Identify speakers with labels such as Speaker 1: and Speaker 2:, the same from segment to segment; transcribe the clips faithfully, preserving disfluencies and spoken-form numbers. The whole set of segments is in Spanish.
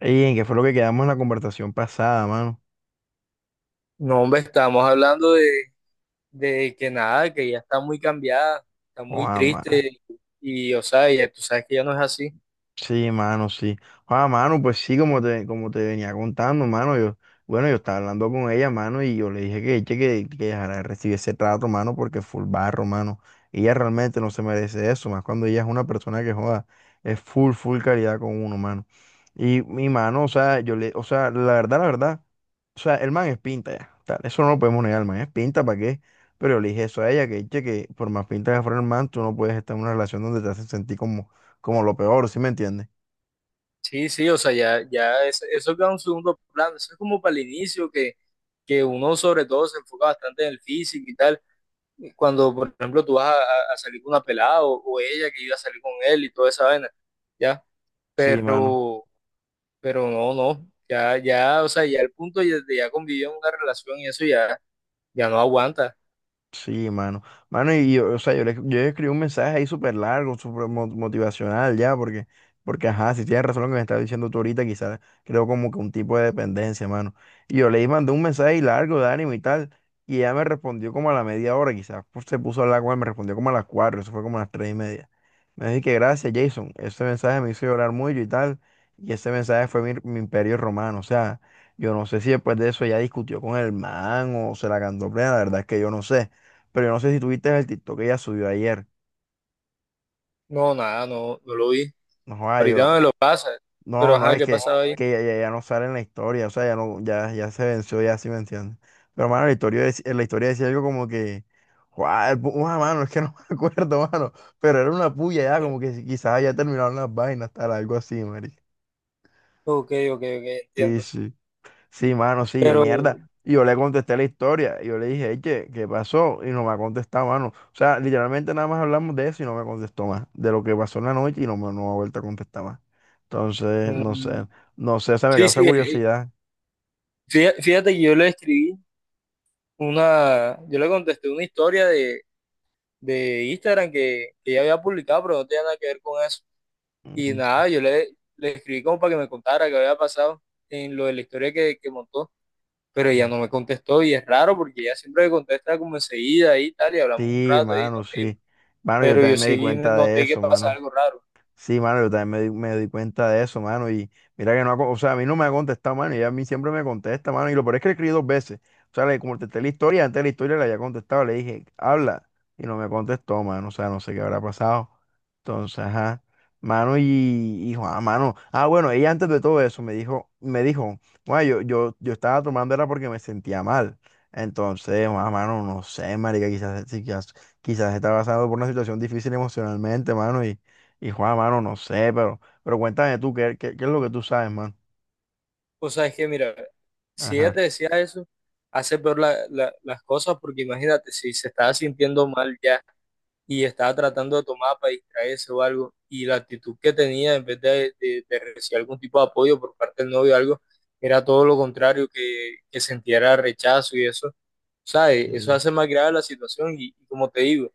Speaker 1: Ey, ¿en qué fue lo que quedamos en la conversación pasada, mano?
Speaker 2: No, hombre, estamos hablando de, de que nada, que ya está muy cambiada, está muy
Speaker 1: Joda, ma-
Speaker 2: triste y, o sea, ya tú sabes que ya no es así.
Speaker 1: Sí, mano, sí. Joda, mano, pues sí, como te, como te venía contando, mano, yo, bueno, yo estaba hablando con ella, mano, y yo le dije que, che, que, que dejara de recibir ese trato, mano, porque full barro, mano. Ella realmente no se merece eso, más cuando ella es una persona que joda, es full, full calidad con uno, mano. Y mi mano, o sea, yo le, o sea, la verdad, la verdad. O sea, el man es pinta ya. Tal, eso no lo podemos negar, el man es pinta, ¿para qué? Pero yo le dije eso a ella, que che, que por más pinta que fuera el man, tú no puedes estar en una relación donde te hacen sentir como, como lo peor, ¿sí me entiendes?
Speaker 2: Sí, sí, o sea, ya, ya es- eso queda en un segundo plano, eso es como para el inicio que, que uno sobre todo se enfoca bastante en el físico y tal, cuando por ejemplo tú vas a, a- a salir con una pelada o, o ella que iba a salir con él y toda esa vaina, ya,
Speaker 1: Sí, mano.
Speaker 2: pero, pero no, no, ya, ya, o sea, ya el punto ya- de ya convivir en una relación y eso ya, ya no aguanta.
Speaker 1: Sí, mano. Mano, y yo, o sea, yo le, yo le escribí un mensaje ahí súper largo, súper mo- motivacional ya, porque, porque, ajá, si tienes razón lo que me estás diciendo tú ahorita, quizás creo como que un tipo de dependencia, mano. Y yo le mandé un mensaje largo de ánimo y tal, y ella me respondió como a la media hora, quizás pues, se puso a hablar con él, me respondió como a las cuatro, eso fue como a las tres y media. Me dijo que gracias, Jason, ese mensaje me hizo llorar mucho y tal, y ese mensaje fue mi, mi imperio romano, o sea, yo no sé si después de eso ella discutió con el man o se la cantó plena, la verdad es que yo no sé. Pero yo no sé si tuviste el TikTok que ella subió ayer.
Speaker 2: No, nada, no, no lo vi.
Speaker 1: No, joda, yo
Speaker 2: Ahorita
Speaker 1: no,
Speaker 2: me lo pasa, pero
Speaker 1: no, no,
Speaker 2: ajá,
Speaker 1: es
Speaker 2: ¿qué
Speaker 1: que,
Speaker 2: pasaba ahí?
Speaker 1: que ella ya, ya no sale en la historia, o sea, ya no, ya, ya se venció, ya sí me entiendes. Pero mano, la historia, dec- en la historia decía algo como que, joda, mano, es que no me acuerdo, mano. Pero era una puya ya, como que si- quizás ya terminaron las vainas, tal, algo así, marica.
Speaker 2: Ok, ok, ok,
Speaker 1: Sí,
Speaker 2: entiendo.
Speaker 1: sí. Sí, mano, sí, yo
Speaker 2: Pero,
Speaker 1: mierda. Y yo le contesté la historia. Y yo le dije, "Ey, ¿qué, qué pasó? Y no me ha contestado, mano. O sea, literalmente nada más hablamos de eso y no me contestó más. De lo que pasó en la noche y no me, no me ha vuelto a contestar más. Entonces, no
Speaker 2: mm,
Speaker 1: sé. No sé, o sea, me
Speaker 2: sí,
Speaker 1: causa
Speaker 2: sí, eh,
Speaker 1: curiosidad.
Speaker 2: fía- fíjate que yo le escribí una, yo le contesté una historia de, de Instagram que, que ella había publicado, pero no tenía nada que ver con eso.
Speaker 1: Mm,
Speaker 2: Y
Speaker 1: mm,
Speaker 2: nada, yo le, le escribí como para que me contara qué había pasado en lo de la historia que, que montó, pero ella
Speaker 1: mm.
Speaker 2: no me contestó y es raro porque ella siempre me contesta como enseguida y tal, y hablamos un
Speaker 1: Sí,
Speaker 2: rato y
Speaker 1: mano,
Speaker 2: nos reímos.
Speaker 1: sí. Mano, yo
Speaker 2: Pero yo
Speaker 1: también me di
Speaker 2: sí
Speaker 1: cuenta de
Speaker 2: noté que
Speaker 1: eso,
Speaker 2: pasa
Speaker 1: mano.
Speaker 2: algo raro.
Speaker 1: Sí, mano, yo también me di, me di cuenta de eso, mano. Y mira que no ha, con- o sea, a mí no me ha contestado, mano. Y a mí siempre me contesta, mano. Y lo peor es que le escribí dos veces. O sea, le contesté la historia, antes de la historia le había contestado, le dije, habla. Y no me contestó, mano. O sea, no sé qué habrá pasado. Entonces, ajá. Mano, y, y Juan, mano. Ah, bueno, ella antes de todo eso me dijo, me dijo, bueno, yo, yo, yo estaba tomando era porque me sentía mal. Entonces, Juan, mano, no sé, marica, quizás, si, quizás, quizás estaba pasando por una situación difícil emocionalmente, mano. Y y Juan, mano, no sé, pero, pero cuéntame tú, ¿qué, qué, qué es lo que tú sabes, mano?
Speaker 2: O sea, es que mira, si
Speaker 1: Ajá.
Speaker 2: ella te decía eso, hace peor la- la- las cosas porque imagínate, si se estaba sintiendo mal ya y estaba tratando de tomar para distraerse o algo, y la actitud que tenía en vez de, de- de recibir algún tipo de apoyo por parte del novio o algo, era todo lo contrario, que, que sintiera rechazo y eso, ¿sabes? Eso
Speaker 1: Sí.
Speaker 2: hace más grave la situación y, y como te digo,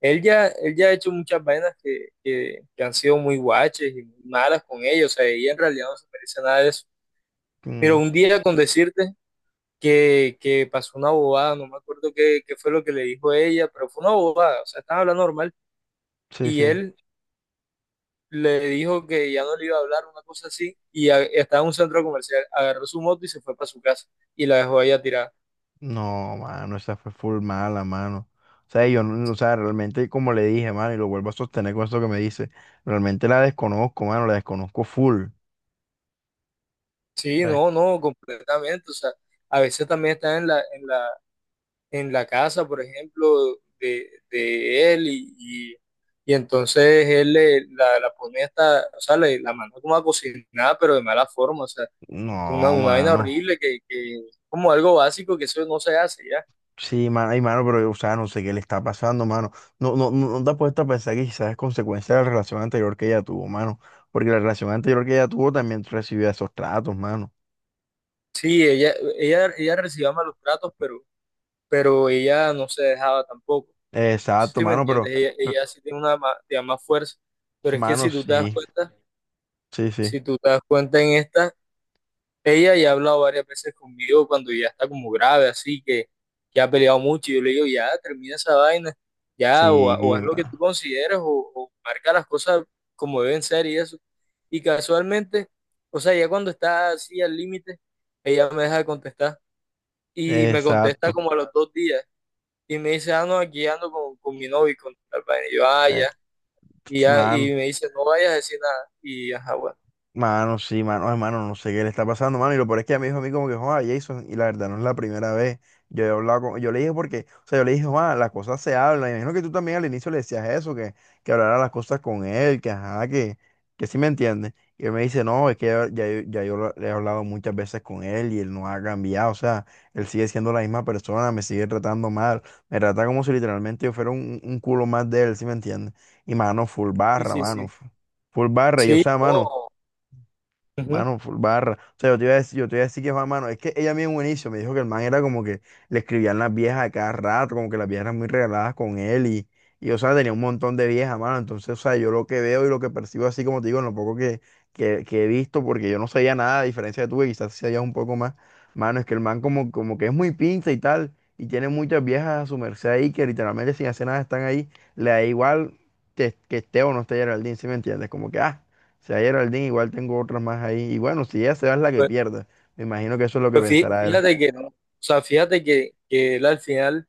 Speaker 2: él ya, él ya ha hecho muchas vainas que, que, que han sido muy guaches y muy malas con ella, o sea, ella en realidad no se merece nada de eso. Pero
Speaker 1: Mm,
Speaker 2: un día con decirte que, que pasó una bobada, no me acuerdo qué, qué fue lo que le dijo ella, pero fue una bobada, o sea, estaban hablando normal
Speaker 1: sí,
Speaker 2: y
Speaker 1: sí.
Speaker 2: él le dijo que ya no le iba a hablar, una cosa así, y a- estaba en un centro comercial, agarró su moto y se fue para su casa y la dejó a ella tirada.
Speaker 1: No, mano, esa fue full mala, mano. O sea, yo, no- o sea, realmente, como le dije, mano, y lo vuelvo a sostener con esto que me dice, realmente la desconozco, mano, la desconozco full.
Speaker 2: Sí,
Speaker 1: La-
Speaker 2: no, no, completamente, o sea, a veces también está en la, en la, en la casa, por ejemplo, de, de él y, y, y entonces él le, la, la pone hasta, o sea, le, la manda como a cocinar, pero de mala forma, o sea una,
Speaker 1: No,
Speaker 2: una vaina
Speaker 1: mano.
Speaker 2: horrible que, que como algo básico que eso no se hace ya.
Speaker 1: Sí, mano, ay, mano, pero, o sea, no sé qué le está pasando, mano. No, no, no, no te has puesto a pensar que quizás es consecuencia de la relación anterior que ella tuvo, mano. Porque la relación anterior que ella tuvo también recibió esos tratos, mano.
Speaker 2: Sí, ella, ella, ella recibía malos tratos, pero, pero ella no se dejaba tampoco.
Speaker 1: Eh, Exacto,
Speaker 2: ¿Sí me
Speaker 1: mano, pero,
Speaker 2: entiendes? Ella,
Speaker 1: eh,
Speaker 2: ella sí tiene una ma- tiene más fuerza. Pero es que
Speaker 1: mano,
Speaker 2: si tú te das
Speaker 1: sí,
Speaker 2: cuenta,
Speaker 1: sí, sí,
Speaker 2: si tú te das cuenta en esta, ella ya ha hablado varias veces conmigo cuando ya está como grave, así que ya ha peleado mucho. Y yo le digo, ya termina esa vaina, ya, o, ha- o
Speaker 1: sí,
Speaker 2: haz lo que tú
Speaker 1: mano.
Speaker 2: consideres, o, o marca las cosas como deben ser y eso. Y casualmente, o sea, ya cuando está así al límite, ella me deja de contestar. Y me contesta
Speaker 1: Exacto.
Speaker 2: como a los dos días. Y me dice, ah, no, aquí ando con, con mi novio y con tal vaina. Y yo, ah,
Speaker 1: Eh,
Speaker 2: ya. Y, ya,
Speaker 1: mano.
Speaker 2: y me dice, no vayas a decir nada. Y ajá, bueno.
Speaker 1: Mano, sí, mano, hermano, no sé qué le está pasando, mano. Y lo peor es que ella me dijo a mí como que, joder, Jason, y la verdad no es la primera vez. Yo he hablado con, yo le dije porque, o sea, yo le dije, joder, las cosas se hablan. Y me imagino que tú también al inicio le decías eso, que, que hablara las cosas con él, que ajá, que, que sí me entiende. Y él me dice, no, es que ya, ya yo ya yo lo- le he hablado muchas veces con él y él no ha cambiado. O sea, él sigue siendo la misma persona, me sigue tratando mal, me trata como si literalmente yo fuera un, un culo más de él, ¿sí me entiende? Y mano, full
Speaker 2: Sí,
Speaker 1: barra,
Speaker 2: sí,
Speaker 1: mano,
Speaker 2: sí.
Speaker 1: full barra. Y o
Speaker 2: Sí,
Speaker 1: sea, mano.
Speaker 2: oh. Ujú.
Speaker 1: Mano, full barra. O sea, yo te iba a decir, yo te iba a decir que Juan, mano, es que ella a mí en un inicio me dijo que el man era como que le escribían las viejas a cada rato, como que las viejas eran muy regaladas con él y, y o sea, tenía un montón de viejas, mano. Entonces, o sea, yo lo que veo y lo que percibo así, como te digo, en lo poco que, que, que he visto, porque yo no sabía nada, a diferencia de tú, que quizás sí sabías un poco más, mano, es que el man como, como que es muy pinza y tal, y tiene muchas viejas a su merced ahí que literalmente sin hacer nada están ahí, le da igual que, que esté o no esté Geraldine, ¿sí me entiendes? Como que, ah sea, Geraldine, igual tengo otras más ahí. Y bueno, si ella se va es la que pierda. Me imagino que eso es lo que
Speaker 2: Pues fí-
Speaker 1: pensará él.
Speaker 2: fíjate que no, o sea, fíjate que, que él al final,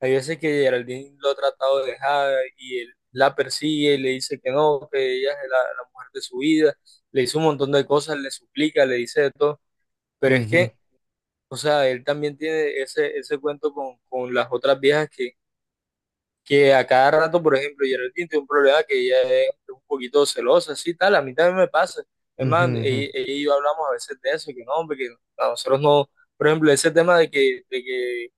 Speaker 2: hay veces que Geraldine lo ha tratado de dejar y él la persigue y le dice que no, que ella es la, la mujer de su vida, le dice un montón de cosas, le suplica, le dice de todo, pero es
Speaker 1: Ujú,
Speaker 2: que, o sea, él también tiene ese, ese cuento con, con las otras viejas que a cada rato, por ejemplo, Geraldine tiene un problema que ella es un poquito celosa, así tal, a mí también me pasa. Es
Speaker 1: ujú,
Speaker 2: más, ella,
Speaker 1: ujú.
Speaker 2: ella y yo hablamos a veces de eso, que no, hombre, que a nosotros no, por ejemplo, ese tema de que, de que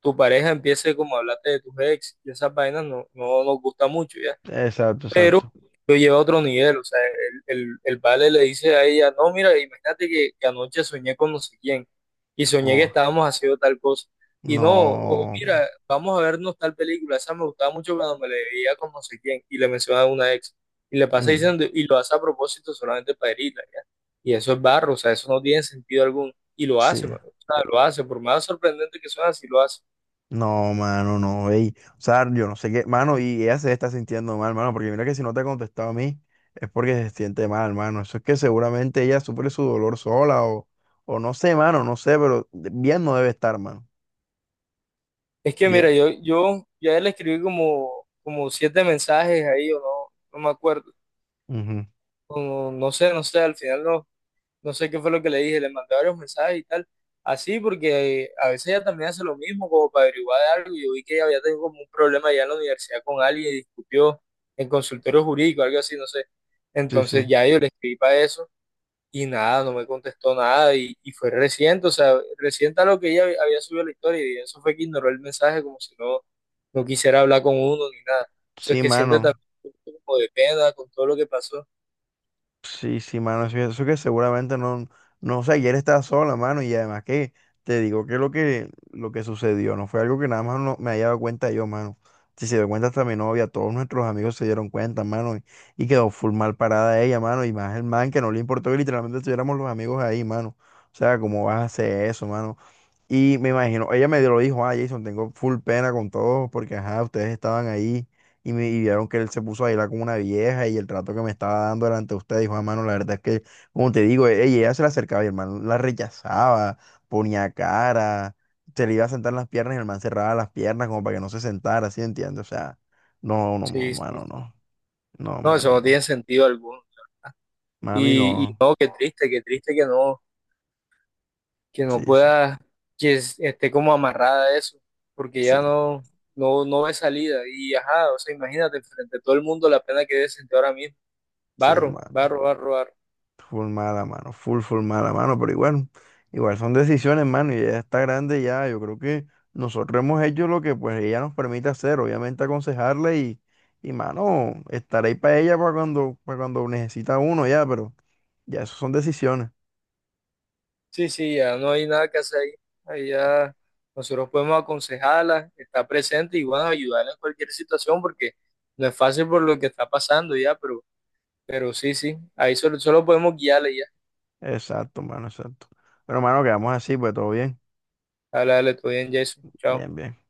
Speaker 2: tu pareja empiece como a hablarte de tus ex, y esas vainas no, no nos gusta mucho, ¿ya?
Speaker 1: Exacto,
Speaker 2: Pero
Speaker 1: exacto.
Speaker 2: lo lleva a otro nivel, o sea, el, el, el vale le dice a ella, no, mira, imagínate que, que anoche soñé con no sé quién y soñé que
Speaker 1: Oh,
Speaker 2: estábamos haciendo tal cosa. Y no, o
Speaker 1: no.
Speaker 2: mira, vamos a vernos tal película, esa me gustaba mucho cuando me la veía con no sé quién y le menciona a una ex y le pasa
Speaker 1: Mm,
Speaker 2: diciendo, y lo hace a propósito solamente para herirla, ¿ya? Y eso es barro, o sea, eso no tiene sentido alguno. Y lo
Speaker 1: sí.
Speaker 2: hace, mano, o sea, lo hace, por más sorprendente que suene, así lo hace.
Speaker 1: No, mano, no. Ey. O sea, yo no sé qué. Mano, y ella se está sintiendo mal, mano. Porque mira que si no te ha contestado a mí, es porque se siente mal, mano. Eso es que seguramente ella sufre su dolor sola o, o no sé, mano, no sé, pero bien no debe estar, mano.
Speaker 2: Es que mira,
Speaker 1: Bien.
Speaker 2: yo, yo ya le escribí como, como siete mensajes ahí, o no, no me acuerdo,
Speaker 1: Ujú.
Speaker 2: o no, no sé, no sé, al final no, no sé qué fue lo que le dije, le mandé varios mensajes y tal, así porque eh, a veces ella también hace lo mismo, como para averiguar de algo, yo vi que ella había tenido como un problema ya en la universidad con alguien y discutió en consultorio jurídico, algo así, no sé,
Speaker 1: Sí,
Speaker 2: entonces
Speaker 1: sí.
Speaker 2: ya yo le escribí para eso, y nada, no me contestó nada y, y fue reciente, o sea, reciente a lo que ella había subido la historia y eso fue que ignoró el mensaje como si no, no quisiera hablar con uno ni nada. Eso es
Speaker 1: Sí,
Speaker 2: que siente
Speaker 1: mano.
Speaker 2: también un poco como de pena con todo lo que pasó.
Speaker 1: Sí, sí, mano, eso, eso que seguramente no, no, o sea, ayer estaba sola, mano, y además que te digo que lo que, lo que sucedió no fue algo que nada más no, me haya dado cuenta yo, mano. Si se dio cuenta hasta mi novia, todos nuestros amigos se dieron cuenta, mano, y, y quedó full mal parada ella, mano, y más el man que no le importó que literalmente estuviéramos los amigos ahí, mano. O sea, ¿cómo vas a hacer eso, mano? Y me imagino, ella me lo dijo, ah, Jason, tengo full pena con todos porque, ajá, ustedes estaban ahí y me y vieron que él se puso a bailar con una vieja y el trato que me estaba dando delante de ustedes, dijo, hermano, la verdad es que, como te digo, ey, ella se le acercaba y el man la rechazaba, ponía cara, se le iba a sentar en las piernas y el man cerraba las piernas como para que no se sentara, ¿sí entiendes? O sea, no, no,
Speaker 2: Sí, sí,
Speaker 1: mano,
Speaker 2: sí.
Speaker 1: no, no,
Speaker 2: No, eso
Speaker 1: mano,
Speaker 2: no
Speaker 1: no,
Speaker 2: tiene sentido alguno.
Speaker 1: mano y
Speaker 2: Y, y
Speaker 1: no,
Speaker 2: no, qué triste, qué triste que no, que no
Speaker 1: sí, sí,
Speaker 2: pueda, que es- esté como amarrada a eso, porque
Speaker 1: sí,
Speaker 2: ya no, no, no ve salida. Y ajá, o sea, imagínate, frente a todo el mundo la pena que debe sentir ahora mismo.
Speaker 1: sí,
Speaker 2: Barro,
Speaker 1: mano.
Speaker 2: barro, barro, barro.
Speaker 1: Full mala, mano. Full, full mala, mano. Pero igual, igual son decisiones, mano. Y ella está grande ya. Yo creo que nosotros hemos hecho lo que pues ella nos permite hacer. Obviamente aconsejarle y, y mano, estar ahí para ella para cuando, para cuando necesita uno ya. Pero ya eso son decisiones.
Speaker 2: Sí, sí, ya no hay nada que hacer ahí. Ahí ya nosotros podemos aconsejarla, estar presente y bueno, ayudarla en cualquier situación porque no es fácil por lo que está pasando ya, pero, pero sí, sí, ahí solo, solo podemos guiarle ya.
Speaker 1: Exacto, mano, exacto. Pero, mano, quedamos así, pues todo bien.
Speaker 2: Dale, dale, todo bien, Jason. Chao.
Speaker 1: Bien, bien.